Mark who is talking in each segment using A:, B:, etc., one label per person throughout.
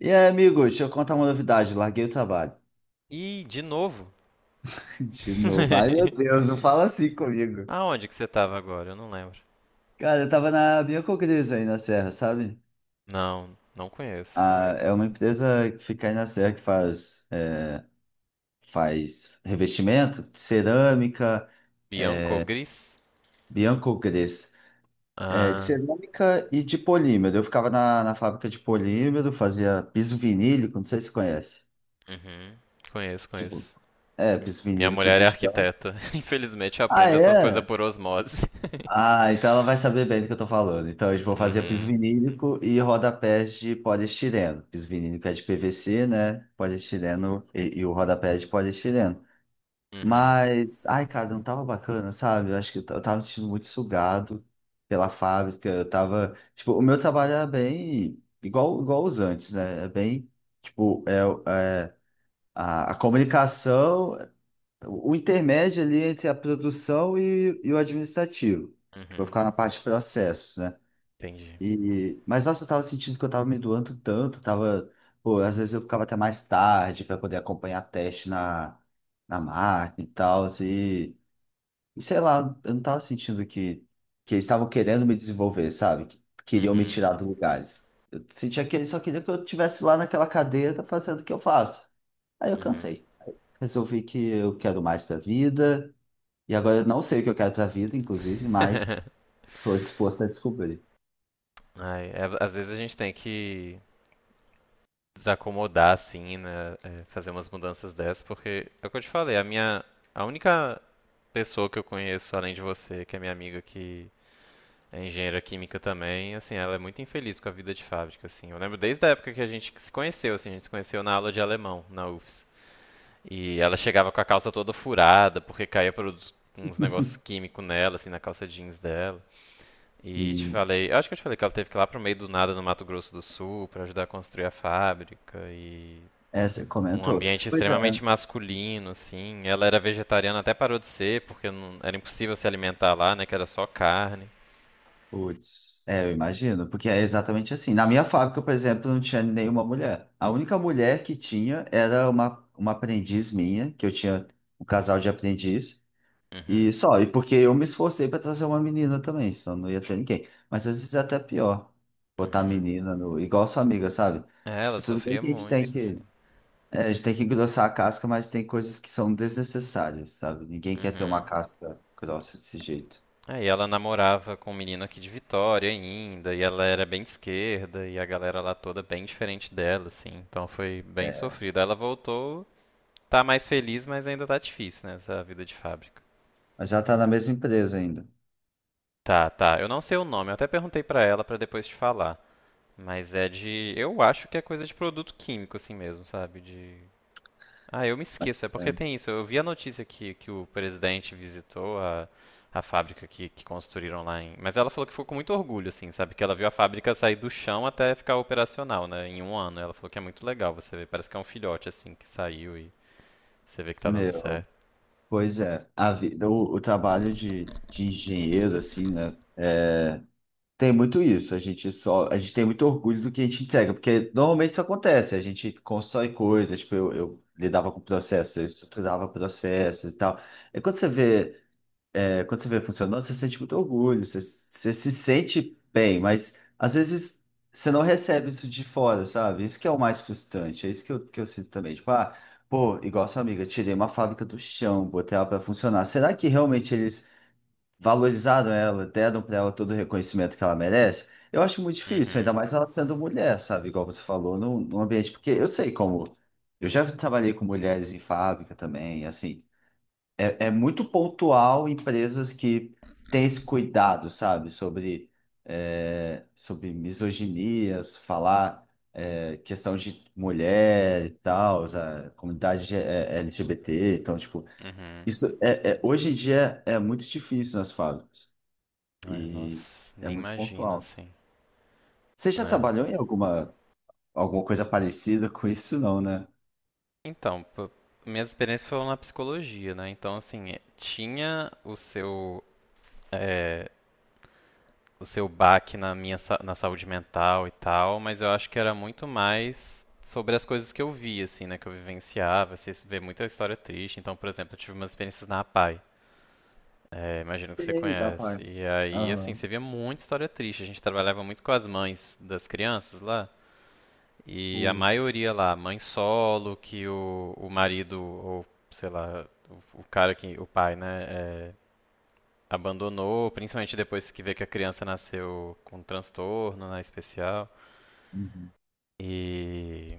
A: E aí, amigo, deixa eu contar uma novidade. Larguei o trabalho.
B: Ih, de novo?
A: De novo. Ai, meu Deus, não fala assim comigo.
B: Aonde que você tava agora? Eu não lembro.
A: Cara, eu tava na Biocogris aí na Serra, sabe?
B: Não, não conheço.
A: Ah, é uma empresa que fica aí na Serra que faz, faz revestimento de cerâmica,
B: Bianco Gris?
A: Biocogris. É, de
B: Ah,
A: cerâmica e de polímero. Eu ficava na fábrica de polímero, fazia piso vinílico, não sei se você conhece.
B: uhum. Conheço,
A: Tipo,
B: conheço.
A: é, piso
B: Minha
A: vinílico
B: mulher é
A: de chão.
B: arquiteta. Infelizmente eu
A: Ah,
B: aprendo essas coisas
A: é?
B: por osmose.
A: Ah, então ela vai saber bem do que eu tô falando. Então, a gente vai fazer piso
B: Uhum,
A: vinílico e rodapés de poliestireno. Piso vinílico é de PVC, né? Poliestireno e o rodapé é de poliestireno.
B: uhum,
A: Mas, ai, cara, não tava bacana, sabe? Eu acho que eu tava me sentindo muito sugado pela fábrica. Eu tava, tipo, o meu trabalho era bem igual, igual os antes, né? É bem, tipo, a comunicação. O intermédio ali entre a produção e o administrativo, que vai
B: uhum.
A: ficar na parte de processos, né?
B: Entendi.
A: E, mas nossa, eu tava sentindo que eu tava me doando tanto, tava, pô, às vezes eu ficava até mais tarde para poder acompanhar teste na máquina e tal, e sei lá, eu não tava sentindo que eles estavam querendo me desenvolver, sabe? Que queriam me
B: Uhum,
A: tirar do lugares. Eu sentia que eles só queriam que eu estivesse lá naquela cadeira fazendo o que eu faço. Aí eu
B: uhum.
A: cansei. Resolvi que eu quero mais pra vida. E agora eu não sei o que eu quero pra vida, inclusive, mas tô disposto a descobrir.
B: Ai, às vezes a gente tem que desacomodar assim, né? É, fazer umas mudanças dessas, porque é o que eu te falei, a minha. A única pessoa que eu conheço, além de você, que é minha amiga que é engenheira química também, assim, ela é muito infeliz com a vida de fábrica, assim. Eu lembro desde a época que a gente se conheceu, assim, a gente se conheceu na aula de alemão, na UFS. E ela chegava com a calça toda furada, porque caía produtos, uns negócios químicos nela, assim, na calça jeans dela. E te
A: e
B: falei, eu acho que eu te falei que ela teve que ir lá pro meio do nada no Mato Grosso do Sul pra ajudar a construir a fábrica e
A: você
B: um
A: comentou.
B: ambiente
A: Pois é.
B: extremamente masculino, assim. Ela era vegetariana, até parou de ser, porque era impossível se alimentar lá, né? Que era só carne.
A: Putz, é, eu imagino, porque é exatamente assim. Na minha fábrica, por exemplo, não tinha nenhuma mulher. A única mulher que tinha era uma aprendiz minha, que eu tinha um casal de aprendiz,
B: Uhum,
A: e só. E porque eu me esforcei para trazer uma menina também, senão não ia ter ninguém. Mas às vezes é até pior botar
B: uhum.
A: menina no, igual sua amiga, sabe?
B: É, ela
A: Tipo, tudo bem
B: sofria
A: que a gente
B: muito,
A: tem
B: assim.
A: que. É, a gente tem que engrossar a casca, mas tem coisas que são desnecessárias, sabe? Ninguém quer ter uma
B: Uhum.
A: casca grossa desse jeito.
B: Aí ela namorava com um menino aqui de Vitória ainda, e ela era bem de esquerda, e a galera lá toda bem diferente dela, assim. Então foi bem
A: É,
B: sofrido. Aí ela voltou, tá mais feliz, mas ainda tá difícil, né? Essa vida de fábrica.
A: mas ela tá na mesma empresa ainda.
B: Tá, tá. Eu não sei o nome, eu até perguntei pra ela pra depois te falar. Mas é de. Eu acho que é coisa de produto químico, assim mesmo, sabe? De. Ah, eu me esqueço, é porque
A: É.
B: tem isso. Eu vi a notícia que o presidente visitou a fábrica que construíram lá em. Mas ela falou que ficou com muito orgulho, assim, sabe? Que ela viu a fábrica sair do chão até ficar operacional, né? Em um ano. Ela falou que é muito legal você vê. Parece que é um filhote, assim, que saiu e você vê que tá dando
A: Meu,
B: certo.
A: pois é. A vida, o trabalho de engenheiro, assim, né? É, tem muito isso. A gente só, a gente tem muito orgulho do que a gente entrega, porque normalmente isso acontece. A gente constrói coisas, tipo, eu lidava com processos, eu estruturava processos e tal. E quando você vê É, quando você vê funcionando, você sente muito orgulho, você, você se sente bem, mas às vezes você não recebe isso de fora, sabe? Isso que é o mais frustrante, é isso que eu sinto também. Tipo, ah, pô, igual sua amiga, tirei uma fábrica do chão, botei ela pra funcionar. Será que realmente eles valorizaram ela, deram pra ela todo o reconhecimento que ela merece? Eu acho muito difícil, ainda
B: Uhum,
A: mais ela sendo mulher, sabe? Igual você falou, num ambiente, porque eu sei como. Eu já trabalhei com mulheres em fábrica também, assim. É, é muito pontual empresas que têm esse cuidado, sabe? Sobre, é, sobre misoginias, falar é, questão de mulher e tal, a comunidade é, LGBT. Então, tipo,
B: uhum.
A: isso hoje em dia é muito difícil nas fábricas
B: Ai,
A: e
B: nossa,
A: é
B: nem
A: muito
B: imagino,
A: pontual.
B: assim.
A: Você já
B: É.
A: trabalhou em alguma, alguma coisa parecida com isso, não, né?
B: Então, minhas experiências foram na psicologia, né? Então, assim, tinha o seu, eh, o seu baque na minha na saúde mental e tal, mas eu acho que era muito mais sobre as coisas que eu via, assim, né? Que eu vivenciava. Você vê muita história triste. Então, por exemplo, eu tive umas experiências na APAE. Eh, imagino que você
A: Sei, dá
B: conhece.
A: para.
B: E aí, assim,
A: Aham.
B: você via muita história triste. A gente trabalhava muito com as mães das crianças lá. E a
A: Putz.
B: maioria lá, mãe solo, que o marido, ou sei lá, o cara que, o pai, né, é, abandonou, principalmente depois que vê que a criança nasceu com transtorno, né, especial. E,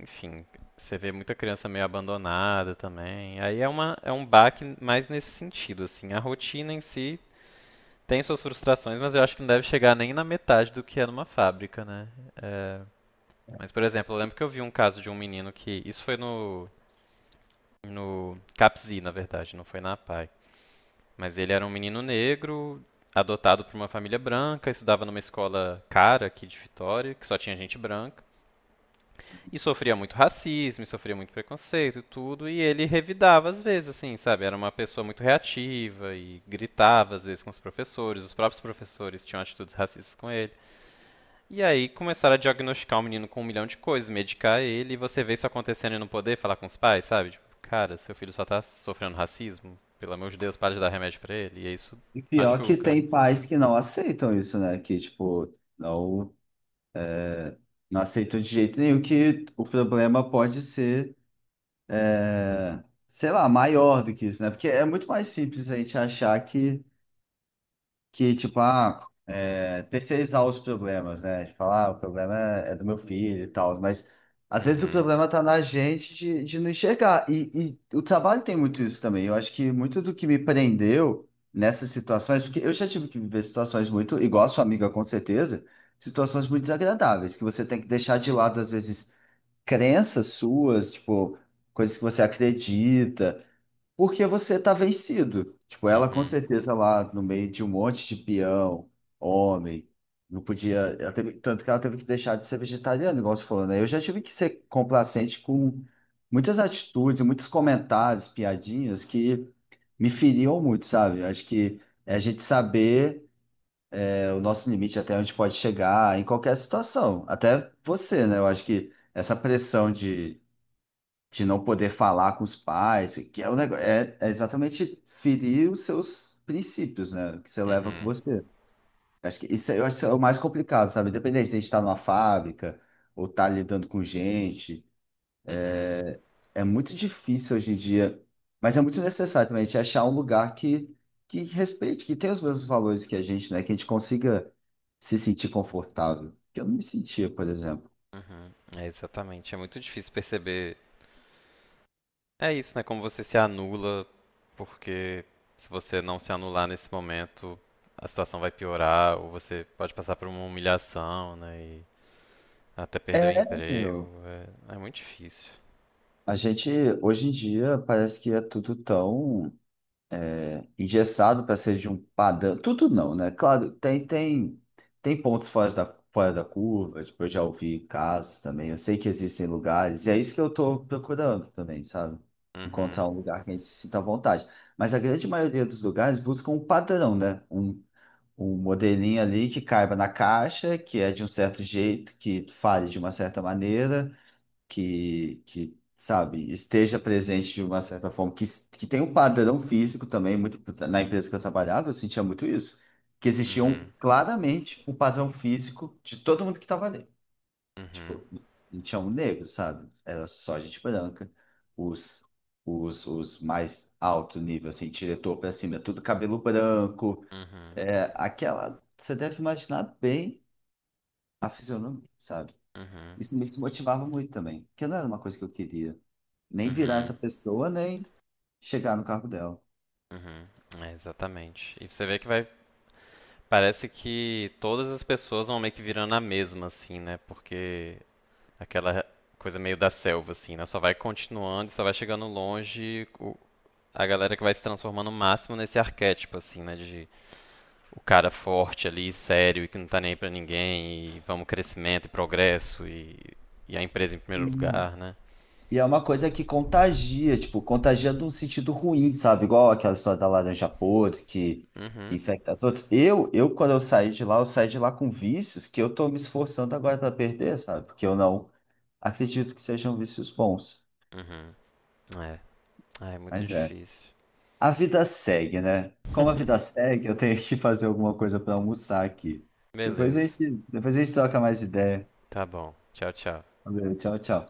B: enfim, você vê muita criança meio abandonada também. Aí é uma, é um baque mais nesse sentido, assim. A rotina em si tem suas frustrações, mas eu acho que não deve chegar nem na metade do que é numa fábrica, né? É, mas, por exemplo, eu lembro que eu vi um caso de um menino que. Isso foi no CAPSI, na verdade, não foi na APAE. Mas ele era um menino negro, adotado por uma família branca, estudava numa escola cara aqui de Vitória, que só tinha gente branca. E sofria muito racismo, e sofria muito preconceito e tudo, e ele revidava às vezes, assim, sabe? Era uma pessoa muito reativa e gritava às vezes com os professores, os próprios professores tinham atitudes racistas com ele. E aí começaram a diagnosticar o menino com um milhão de coisas, medicar ele, e você vê isso acontecendo e não poder falar com os pais, sabe? Tipo, cara, seu filho só tá sofrendo racismo, pelo amor de Deus, para de dar remédio pra ele, e isso
A: E pior que
B: machuca, né?
A: tem pais que não aceitam isso, né? Que, tipo, não, não aceitam de jeito nenhum que o problema pode ser, é, sei lá, maior do que isso, né? Porque é muito mais simples a gente achar tipo, ah, é, terceirizar os problemas, né? De falar, ah, o problema é do meu filho e tal, mas às vezes o
B: Uhum,
A: problema tá na gente de não enxergar. E o trabalho tem muito isso também. Eu acho que muito do que me prendeu nessas situações, porque eu já tive que viver situações muito, igual a sua amiga, com certeza, situações muito desagradáveis, que você tem que deixar de lado, às vezes, crenças suas, tipo, coisas que você acredita. Porque você tá vencido. Tipo, ela com
B: uhum,
A: certeza lá no meio de um monte de peão, homem, não podia. Ela teve- tanto que ela teve que deixar de ser vegetariana, igual você falou, né? Eu já tive que ser complacente com muitas atitudes, muitos comentários, piadinhas que me feriam muito, sabe? Eu acho que é a gente saber é, o nosso limite até onde pode chegar em qualquer situação. Até você, né? Eu acho que essa pressão de não poder falar com os pais, que é o negócio, é exatamente ferir os seus princípios, né, que você leva com
B: uhum,
A: você. Acho que eu acho que isso é o mais complicado, sabe? Independente de a gente estar numa fábrica ou estar lidando com gente,
B: uhum,
A: é é muito difícil hoje em dia, mas é muito necessário também a gente achar um lugar que respeite, que tenha os mesmos valores que a gente, né, que a gente consiga se sentir confortável, que eu não me sentia, por exemplo.
B: uhum. É exatamente, é muito difícil perceber. É isso, né? Como você se anula, porque se você não se anular nesse momento, a situação vai piorar, ou você pode passar por uma humilhação, né? E até perder o
A: É,
B: emprego.
A: meu,
B: É, é muito difícil.
A: a gente hoje em dia parece que é tudo tão engessado para ser de um padrão. Tudo não, né? Claro, tem pontos fora fora da curva, tipo, eu já ouvi casos também, eu sei que existem lugares, e é isso que eu estou procurando também, sabe?
B: Uhum,
A: Encontrar um lugar que a gente se sinta à vontade. Mas a grande maioria dos lugares busca um padrão, né? Um modelinho ali que caiba na caixa, que é de um certo jeito, que fale de uma certa maneira que sabe, esteja presente de uma certa forma, que tem um padrão físico também, muito, na empresa que eu trabalhava, eu sentia muito isso, que existia
B: uhum,
A: um, claramente um padrão físico de todo mundo que estava ali.
B: uhum,
A: Tipo, não tinha um negro, sabe? Era só gente branca, os, os mais alto nível, assim, diretor pra cima, tudo cabelo branco,
B: uhum,
A: é, aquela, você deve imaginar bem a fisionomia, sabe?
B: uhum,
A: Isso me desmotivava muito também, porque não era uma coisa que eu queria nem virar essa
B: uhum,
A: pessoa, nem chegar no cargo dela.
B: uhum. É, exatamente. E você vê que vai. Parece que todas as pessoas vão meio que virando a mesma, assim, né? Porque aquela coisa meio da selva, assim, né? Só vai continuando e só vai chegando longe a galera que vai se transformando o máximo nesse arquétipo, assim, né? De o cara forte ali, sério e que não tá nem aí pra ninguém, e vamos crescimento e progresso e a empresa em primeiro
A: Hum.
B: lugar, né?
A: E é uma coisa que contagia, tipo, contagia num sentido ruim, sabe? Igual aquela história da laranja podre que
B: Uhum,
A: infecta as outras. Quando eu saí de lá, eu saí de lá com vícios que eu tô me esforçando agora para perder, sabe? Porque eu não acredito que sejam vícios bons.
B: uhum. É. Ah, é muito
A: Mas é.
B: difícil.
A: A vida segue, né? Como a vida segue, eu tenho que fazer alguma coisa para almoçar aqui.
B: Beleza,
A: Depois a gente troca mais ideia.
B: tá bom. Tchau, tchau.
A: Valeu, tchau, tchau.